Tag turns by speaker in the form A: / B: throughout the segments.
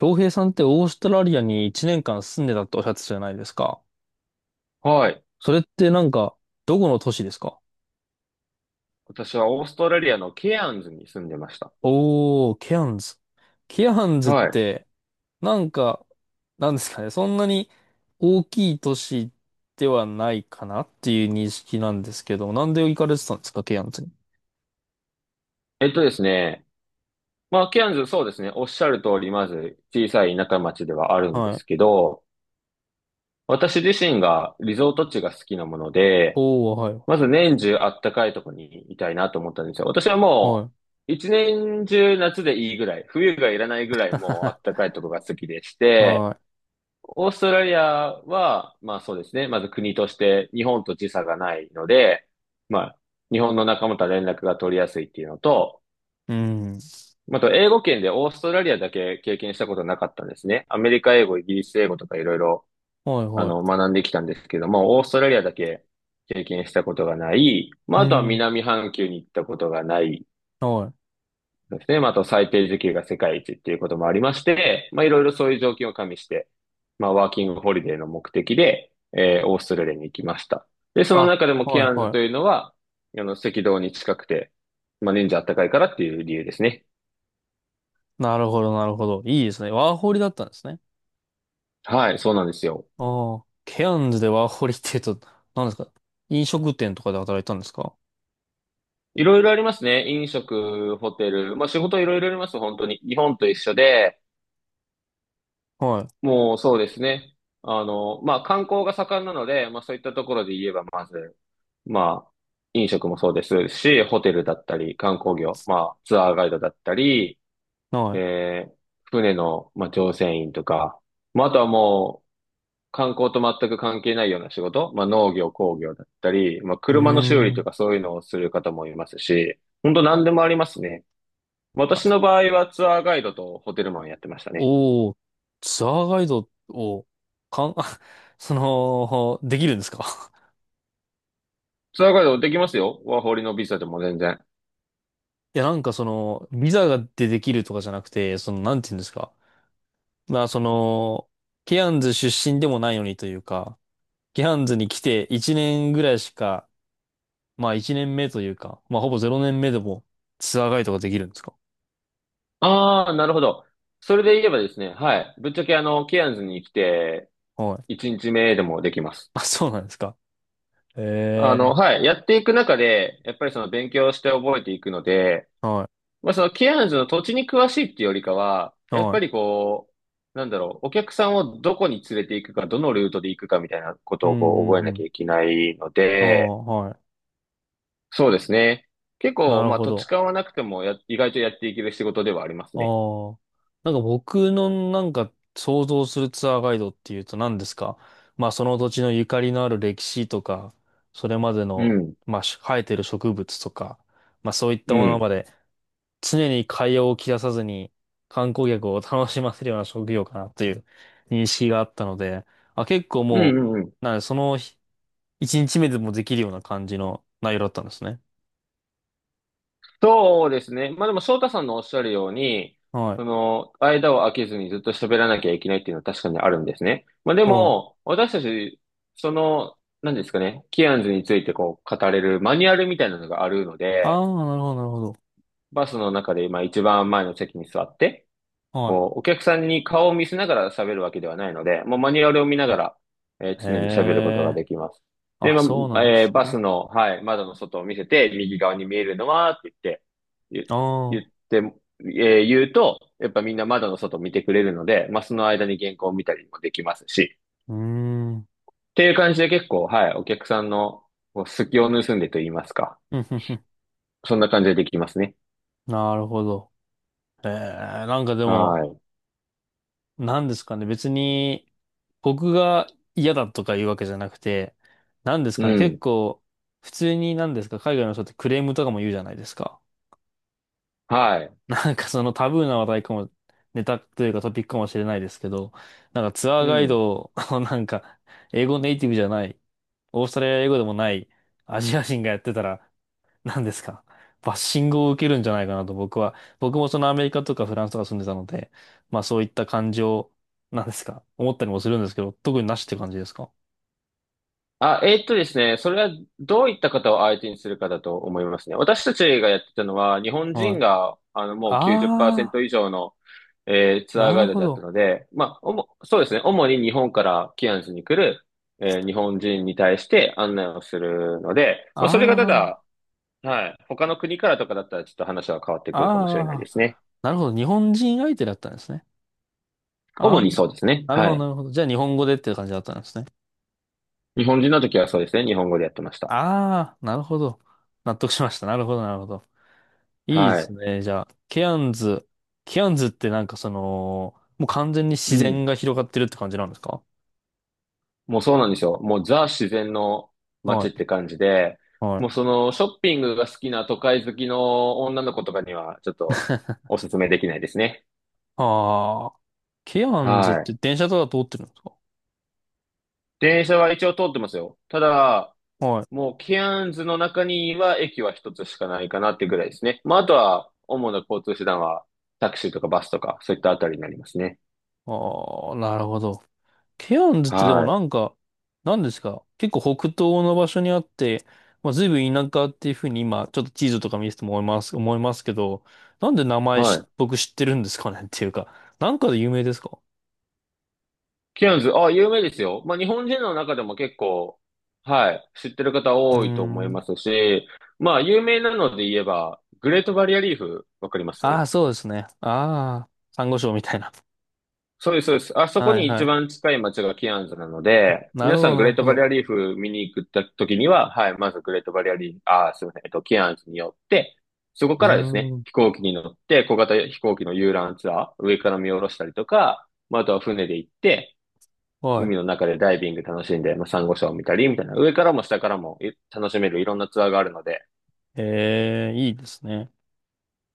A: 洋平さんってオーストラリアに1年間住んでたっておっしゃってたじゃないですか。
B: はい。
A: それってなんか、どこの都市ですか？
B: 私はオーストラリアのケアンズに住んでました。
A: おー、ケアンズ。ケアンズっ
B: はい。
A: て、なんか、なんですかね、そんなに大きい都市ではないかなっていう認識なんですけど、なんで行かれてたんですか、ケアンズに。
B: えっとですね。まあ、ケアンズ、そうですね。おっしゃる通り、まず小さい田舎町ではあるんで
A: は
B: す
A: い。
B: けど、私自身がリゾート地が好きなもので、
A: おー、はい。
B: まず年中あったかいとこにいたいなと思ったんですよ。私は
A: は
B: も
A: い。
B: う、一年中夏でいいぐらい、冬がいらないぐらいもうあった かいとこが好きでして、
A: は
B: オーストラリアは、まあそうですね。まず国として日本と時差がないので、まあ日本の仲間とは連絡が取りやすいっていうのと、
A: い。うん。
B: まあと英語圏でオーストラリアだけ経験したことなかったんですね。アメリカ英語、イギリス英語とかいろいろ
A: はい、はい。
B: 学んできたんですけども、オーストラリアだけ経験したことがない。まあ
A: う
B: あとは
A: ん。
B: 南半球に行ったことがない。
A: はい。
B: そうですね。まあ、あと最低時給が世界一っていうこともありまして、まあ、いろいろそういう条件を加味して、まあ、ワーキングホリデーの目的で、オーストラリアに行きました。で、その
A: あ、
B: 中でもケ
A: はい、
B: アンズ
A: は
B: という
A: い。
B: のは、あの、赤道に近くて、まあ、年中暖かいからっていう理由ですね。
A: なるほど、なるほど。いいですね。ワーホリだったんですね。
B: はい、そうなんですよ。
A: ああ、ケアンズでワーホリって言うと、何ですか？飲食店とかで働いたんですか？
B: いろいろありますね。飲食、ホテル、まあ、仕事いろいろあります、本当に。日本と一緒で、
A: はい。
B: もうそうですね。あの、まあ、観光が盛んなので、まあ、そういったところで言えば、まず、まあ、飲食もそうですし、ホテルだったり、観光業、まあ、ツアーガイドだったり、
A: はい。
B: えー船の、まあ、乗船員とか、まあ、あとはもう、観光と全く関係ないような仕事、まあ、農業、工業だったり、まあ、
A: うー
B: 車の修理と
A: ん。
B: かそういうのをする方もいますし、本当何でもありますね。私の場合はツアーガイドとホテルマンやってましたね。
A: おお、ツアーガイドを、かん、あその、できるんですか？
B: ツアーガイドできますよ。ワーホリのビザでも全然。
A: いや、なんかその、ビザができるとかじゃなくて、その、なんて言うんですか。まあ、その、ケアンズ出身でもないのにというか、ケアンズに来て1年ぐらいしか、まあ1年目というか、まあほぼ0年目でもツアーガイドができるんですか？
B: ああ、なるほど。それで言えばですね、はい。ぶっちゃけあの、ケアンズに来て、
A: はい。
B: 1日目でもできます。
A: あ、そうなんですか。
B: あ
A: え
B: の、
A: え、
B: はい。やっていく中で、やっぱりその勉強して覚えていくので、
A: は
B: まあそのケアンズの土地に詳しいっていうよりかは、
A: い、
B: やっ
A: は
B: ぱり
A: い。
B: こう、なんだろう、お客さんをどこに連れて行くか、どのルートで行くかみたいなこ
A: う
B: と
A: ん
B: を
A: う
B: こう覚
A: ん
B: え
A: う
B: なき
A: ん。
B: ゃいけないの
A: ああ、
B: で、
A: はい。
B: そうですね。結
A: な
B: 構、
A: る
B: まあ
A: ほ
B: 土地
A: ど。
B: 勘はなくてもや、意外とやっていける仕事ではあります
A: あ
B: ね。
A: あ。なんか僕のなんか想像するツアーガイドっていうと何ですか？まあその土地のゆかりのある歴史とか、それまで
B: う
A: の、
B: ん。
A: まあ生えてる植物とか、まあそういった
B: う
A: もの
B: ん。
A: まで常に会話を切らさずに観光客を楽しませるような職業かなという認識があったので、あ、結構
B: うん
A: も
B: うんうん。
A: う、なんでその日一日目でもできるような感じの内容だったんですね。
B: そうですね。まあでも、翔太さんのおっしゃるように、
A: はい。
B: その、間を空けずにずっと喋らなきゃいけないっていうのは確かにあるんですね。まあで
A: はい。
B: も、私たち、その、何ですかね、キアンズについてこう、語れるマニュアルみたいなのがあるので、
A: ああ、なるほど、なるほど。
B: バスの中でまあ一番前の席に座って、
A: は
B: こう、お客さんに顔を見せながら喋るわけではないので、もうマニュアルを見ながら、
A: い。へ
B: 常に喋ることが
A: え。
B: できます。で、
A: あ、
B: ま
A: そうな
B: あ、
A: んですね。
B: バ
A: あ
B: スの、はい、窓の外を見せて、右側に見えるのは、って言って、言言
A: あ、
B: って、言うと、やっぱみんな窓の外を見てくれるので、まあ、その間に原稿を見たりもできますし、
A: うーん。
B: っていう感じで結構、はい、お客さんのこう隙を盗んでと言いますか、
A: ふんふんふん。
B: そんな感じでできますね。
A: なるほど。ええ、なんかでも、
B: はい。
A: なんですかね。別に、僕が嫌だとか言うわけじゃなくて、なんです
B: う
A: かね。結
B: ん。
A: 構、普通になんですか、海外の人ってクレームとかも言うじゃないですか。
B: はい。
A: なんかそのタブーな話題かも、ネタというかトピックかもしれないですけど、なんかツアー
B: う
A: ガイ
B: ん。
A: ドを なんか、英語ネイティブじゃない、オーストラリア英語でもないアジア人がやってたら、何ですかバッシングを受けるんじゃないかなと僕もそのアメリカとかフランスとか住んでたので、まあそういった感情、なんですか思ったりもするんですけど、特になしって感じですか？
B: あ、ですね、それはどういった方を相手にするかだと思いますね。私たちがやってたのは、日本
A: は
B: 人
A: い。
B: が、あの、もう
A: あ
B: 90%以上の、
A: ー、
B: ツアー
A: な
B: ガイ
A: る
B: ド
A: ほ
B: だった
A: ど。
B: ので、まあ、おも、そうですね、主に日本からキアンズに来る、日本人に対して案内をするので、
A: あ
B: まあ、それがただ、
A: ー、
B: はい、他の国からとかだったらちょっと話は変わってくるかもしれないで
A: あー、
B: すね。
A: なるほど。日本人相手だったんですね。あ
B: 主
A: ー、
B: にそうですね。
A: なるほ
B: は
A: ど、
B: い。
A: なるほど。じゃあ日本語でっていう感じだったんですね。
B: 日本人の時はそうですね、日本語でやってました。
A: ああ、なるほど。納得しました。なるほど、なるほど。いいで
B: は
A: す
B: い。
A: ね。じゃあ、ケアンズ。ケアンズってなんかその、もう完全に
B: う
A: 自
B: ん。
A: 然が広がってるって感じなんですか？
B: もうそうなんですよ。もうザ自然の
A: は
B: 街っ
A: い、
B: て感じで、
A: は
B: もう
A: い。
B: そのショッピングが好きな都会好きの女の子とかにはちょっとおすすめできないですね。
A: ああ、ケアンズっ
B: は
A: て
B: い。
A: 電車とか通ってるんですか？
B: 電車は一応通ってますよ。ただ、
A: はい。
B: もうケアンズの中には駅は一つしかないかなっていうぐらいですね。まああとは主な交通手段はタクシーとかバスとかそういったあたりになりますね。
A: ああ、なるほど。ケアンズってでも
B: は
A: なんか、なんですか結構北東の場所にあって、まあ、随分田舎っていうふうに今、ちょっと地図とか見せても思いますけど、なんで名
B: い。
A: 前
B: はい。
A: 僕知ってるんですかねっていうか、なんかで有名ですか？
B: キアヌズ、あ、有名ですよ。まあ、日本人の中でも結構、はい、知ってる方
A: うー
B: 多いと思い
A: ん。
B: ますし、まあ、有名なので言えば、グレートバリアリーフ、わかります？
A: ああ、そうですね。ああ、珊瑚礁みたいな。
B: そうです、そうです。あそこ
A: はい
B: に
A: は
B: 一
A: い。
B: 番近い街がキアンズなの
A: あ、
B: で、
A: な
B: 皆
A: るほ
B: さ
A: ど、
B: んグ
A: な
B: レ
A: る
B: ー
A: ほ
B: トバリア
A: ど。
B: リーフ見に行った時には、はい、まずグレートバリアリーフ、あー、すみません、キアンズに寄って、そこ
A: うー
B: からですね、
A: ん。
B: 飛行機に乗って、小型飛行機の遊覧ツアー、上から見下ろしたりとか、まあ、あとは船で行って、
A: はい。
B: 海の中でダイビング楽しんで、まあ、サンゴ礁を見たり、みたいな、上からも下からもい楽しめるいろんなツアーがあるので、
A: ええ、いいですね。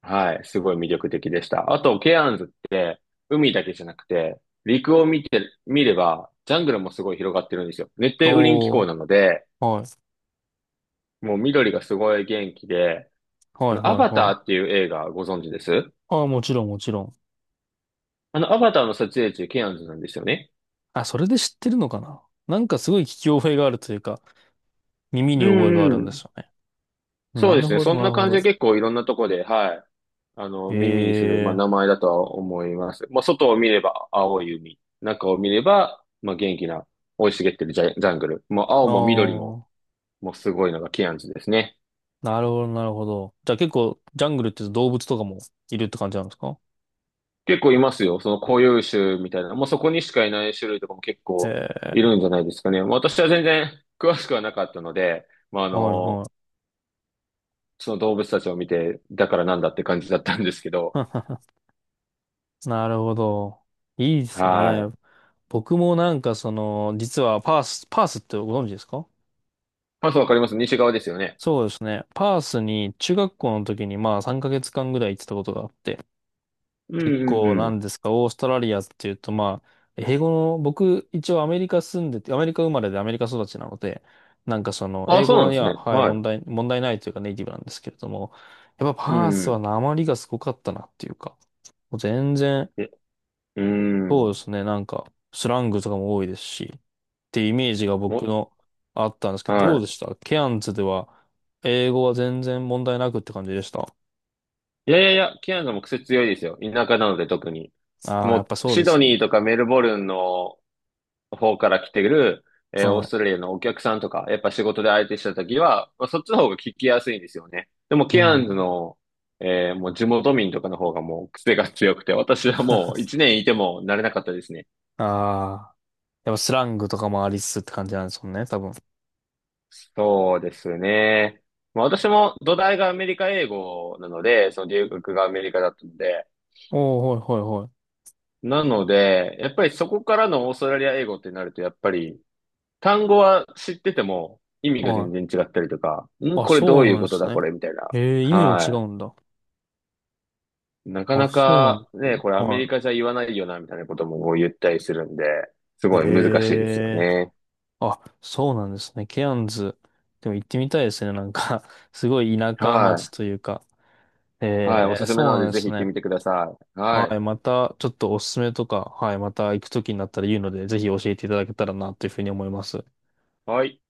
B: はい、すごい魅力的でした。あと、ケアンズって、海だけじゃなくて、陸を見て、見れば、ジャングルもすごい広がってるんですよ。熱帯雨林気
A: お
B: 候
A: ー。
B: なので、
A: はい。
B: もう緑がすごい元気で、あ
A: はい
B: の、ア
A: はい
B: バタ
A: は
B: ー
A: い。
B: っていう映画ご存知です？
A: ああ、もちろんもちろん。
B: あの、アバターの撮影地、ケアンズなんですよね。
A: あ、それで知ってるのかな？なんかすごい聞き覚えがあるというか、耳
B: う
A: に覚えがある
B: んう
A: んで
B: ん。
A: すよね。
B: そ
A: な
B: うで
A: る
B: すね。
A: ほ
B: そ
A: ど、
B: ん
A: な
B: な
A: るほ
B: 感
A: ど。
B: じで結構いろんなとこで、はい。あの、
A: え
B: 耳にする、まあ、
A: え
B: 名
A: ー。
B: 前だとは思います。まあ、外を見れば青い海、中を見れば、まあ、元気な、生い茂ってるジャングル。もう青も緑も、
A: ああ、
B: もうすごいのがケアンズですね。
A: なるほど、なるほど。じゃあ結構、ジャングルって動物とかもいるって感じなんですか？
B: 結構いますよ。その固有種みたいな。もうそこにしかいない種類とかも結構いる
A: ええ
B: んじゃないですかね。私は全然詳しくはなかったので、まあ、あ
A: ー、はい、は
B: の、
A: い。
B: その動物たちを見て、だからなんだって感じだったんですけど。
A: なるほど。いいです
B: は
A: ね。
B: い。
A: 僕もなんかその、実はパースってご存知ですか？
B: パスわかります？西側ですよね。
A: そうですね。パースに中学校の時にまあ3ヶ月間ぐらい行ってたことがあって、
B: うん
A: 結
B: う
A: 構
B: んう
A: なん
B: ん。
A: ですか、オーストラリアっていうと、まあ、英語の、僕、一応アメリカ住んでて、アメリカ生まれでアメリカ育ちなので、なんかその、
B: あ、
A: 英
B: そうな
A: 語
B: ん
A: に
B: です
A: は、
B: ね。
A: はい、
B: は
A: 問
B: い。
A: 題、問題ないというかネイティブなんですけれども、やっぱ
B: う
A: パー
B: ん
A: ス
B: う
A: は
B: ん。
A: 訛りがすごかったなっていうか、もう全然、
B: え、う
A: そうで
B: ん。
A: すね、なんか、スラングとかも多いですし、っていうイメージが僕
B: お、
A: のあったんですけど、どう
B: は
A: でしたケアンズでは、英語は全然問題なくって感じでした？
B: い。いやいやいや、キアヌも癖強いですよ。田舎なので特に。
A: ああー、やっ
B: も
A: ぱ
B: う、
A: そう
B: シ
A: です
B: ド
A: よ
B: ニ
A: ね。
B: ーとかメルボルンの方から来てる、オー
A: は
B: ストラリアのお客さんとか、やっぱ仕事で相手した時は、まあ、そっちの方が聞きやすいんですよね。でも、
A: い。う
B: ケアンズ
A: ん。
B: の、もう地元民とかの方がもう癖が強くて、私はもう一 年いても慣れなかったですね。
A: ああ。やっぱスラングとかもありつつって感じなんですもんね、多分。
B: そうですね。まあ、私も土台がアメリカ英語なので、その留学がアメリカだったので、
A: おー、はいは
B: なので、やっぱりそこからのオーストラリア英語ってなると、やっぱり単語は知ってても意味
A: い
B: が
A: はい。
B: 全
A: は
B: 然
A: い。
B: 違ったりとか、ん、
A: あ、
B: これど
A: そう
B: ういう
A: なん
B: こ
A: で
B: と
A: す
B: だ、こ
A: ね。
B: れみたいな。
A: ええ、意味も違
B: は
A: うんだ。
B: い。なか
A: あ、
B: な
A: そうなんで
B: か
A: す
B: ね、
A: ね。
B: これアメ
A: は
B: リカじゃ言わないよな、みたいなことも言ったりするんで、す
A: い。
B: ごい難しいですよ
A: ええ、
B: ね。
A: あ、そうなんですね。ケアンズ。でも行ってみたいですね。なんか すごい田舎
B: は
A: 町
B: い。
A: というか。
B: はい。お
A: ええ、
B: すすめ
A: そ
B: な
A: う
B: の
A: なん
B: で、
A: で
B: ぜひ
A: す
B: 行って
A: ね。
B: みてください。
A: は
B: はい。
A: い。また、ちょっとおすすめとか、はい。また行くときになったら言うので、ぜひ教えていただけたらな、というふうに思います。
B: はい。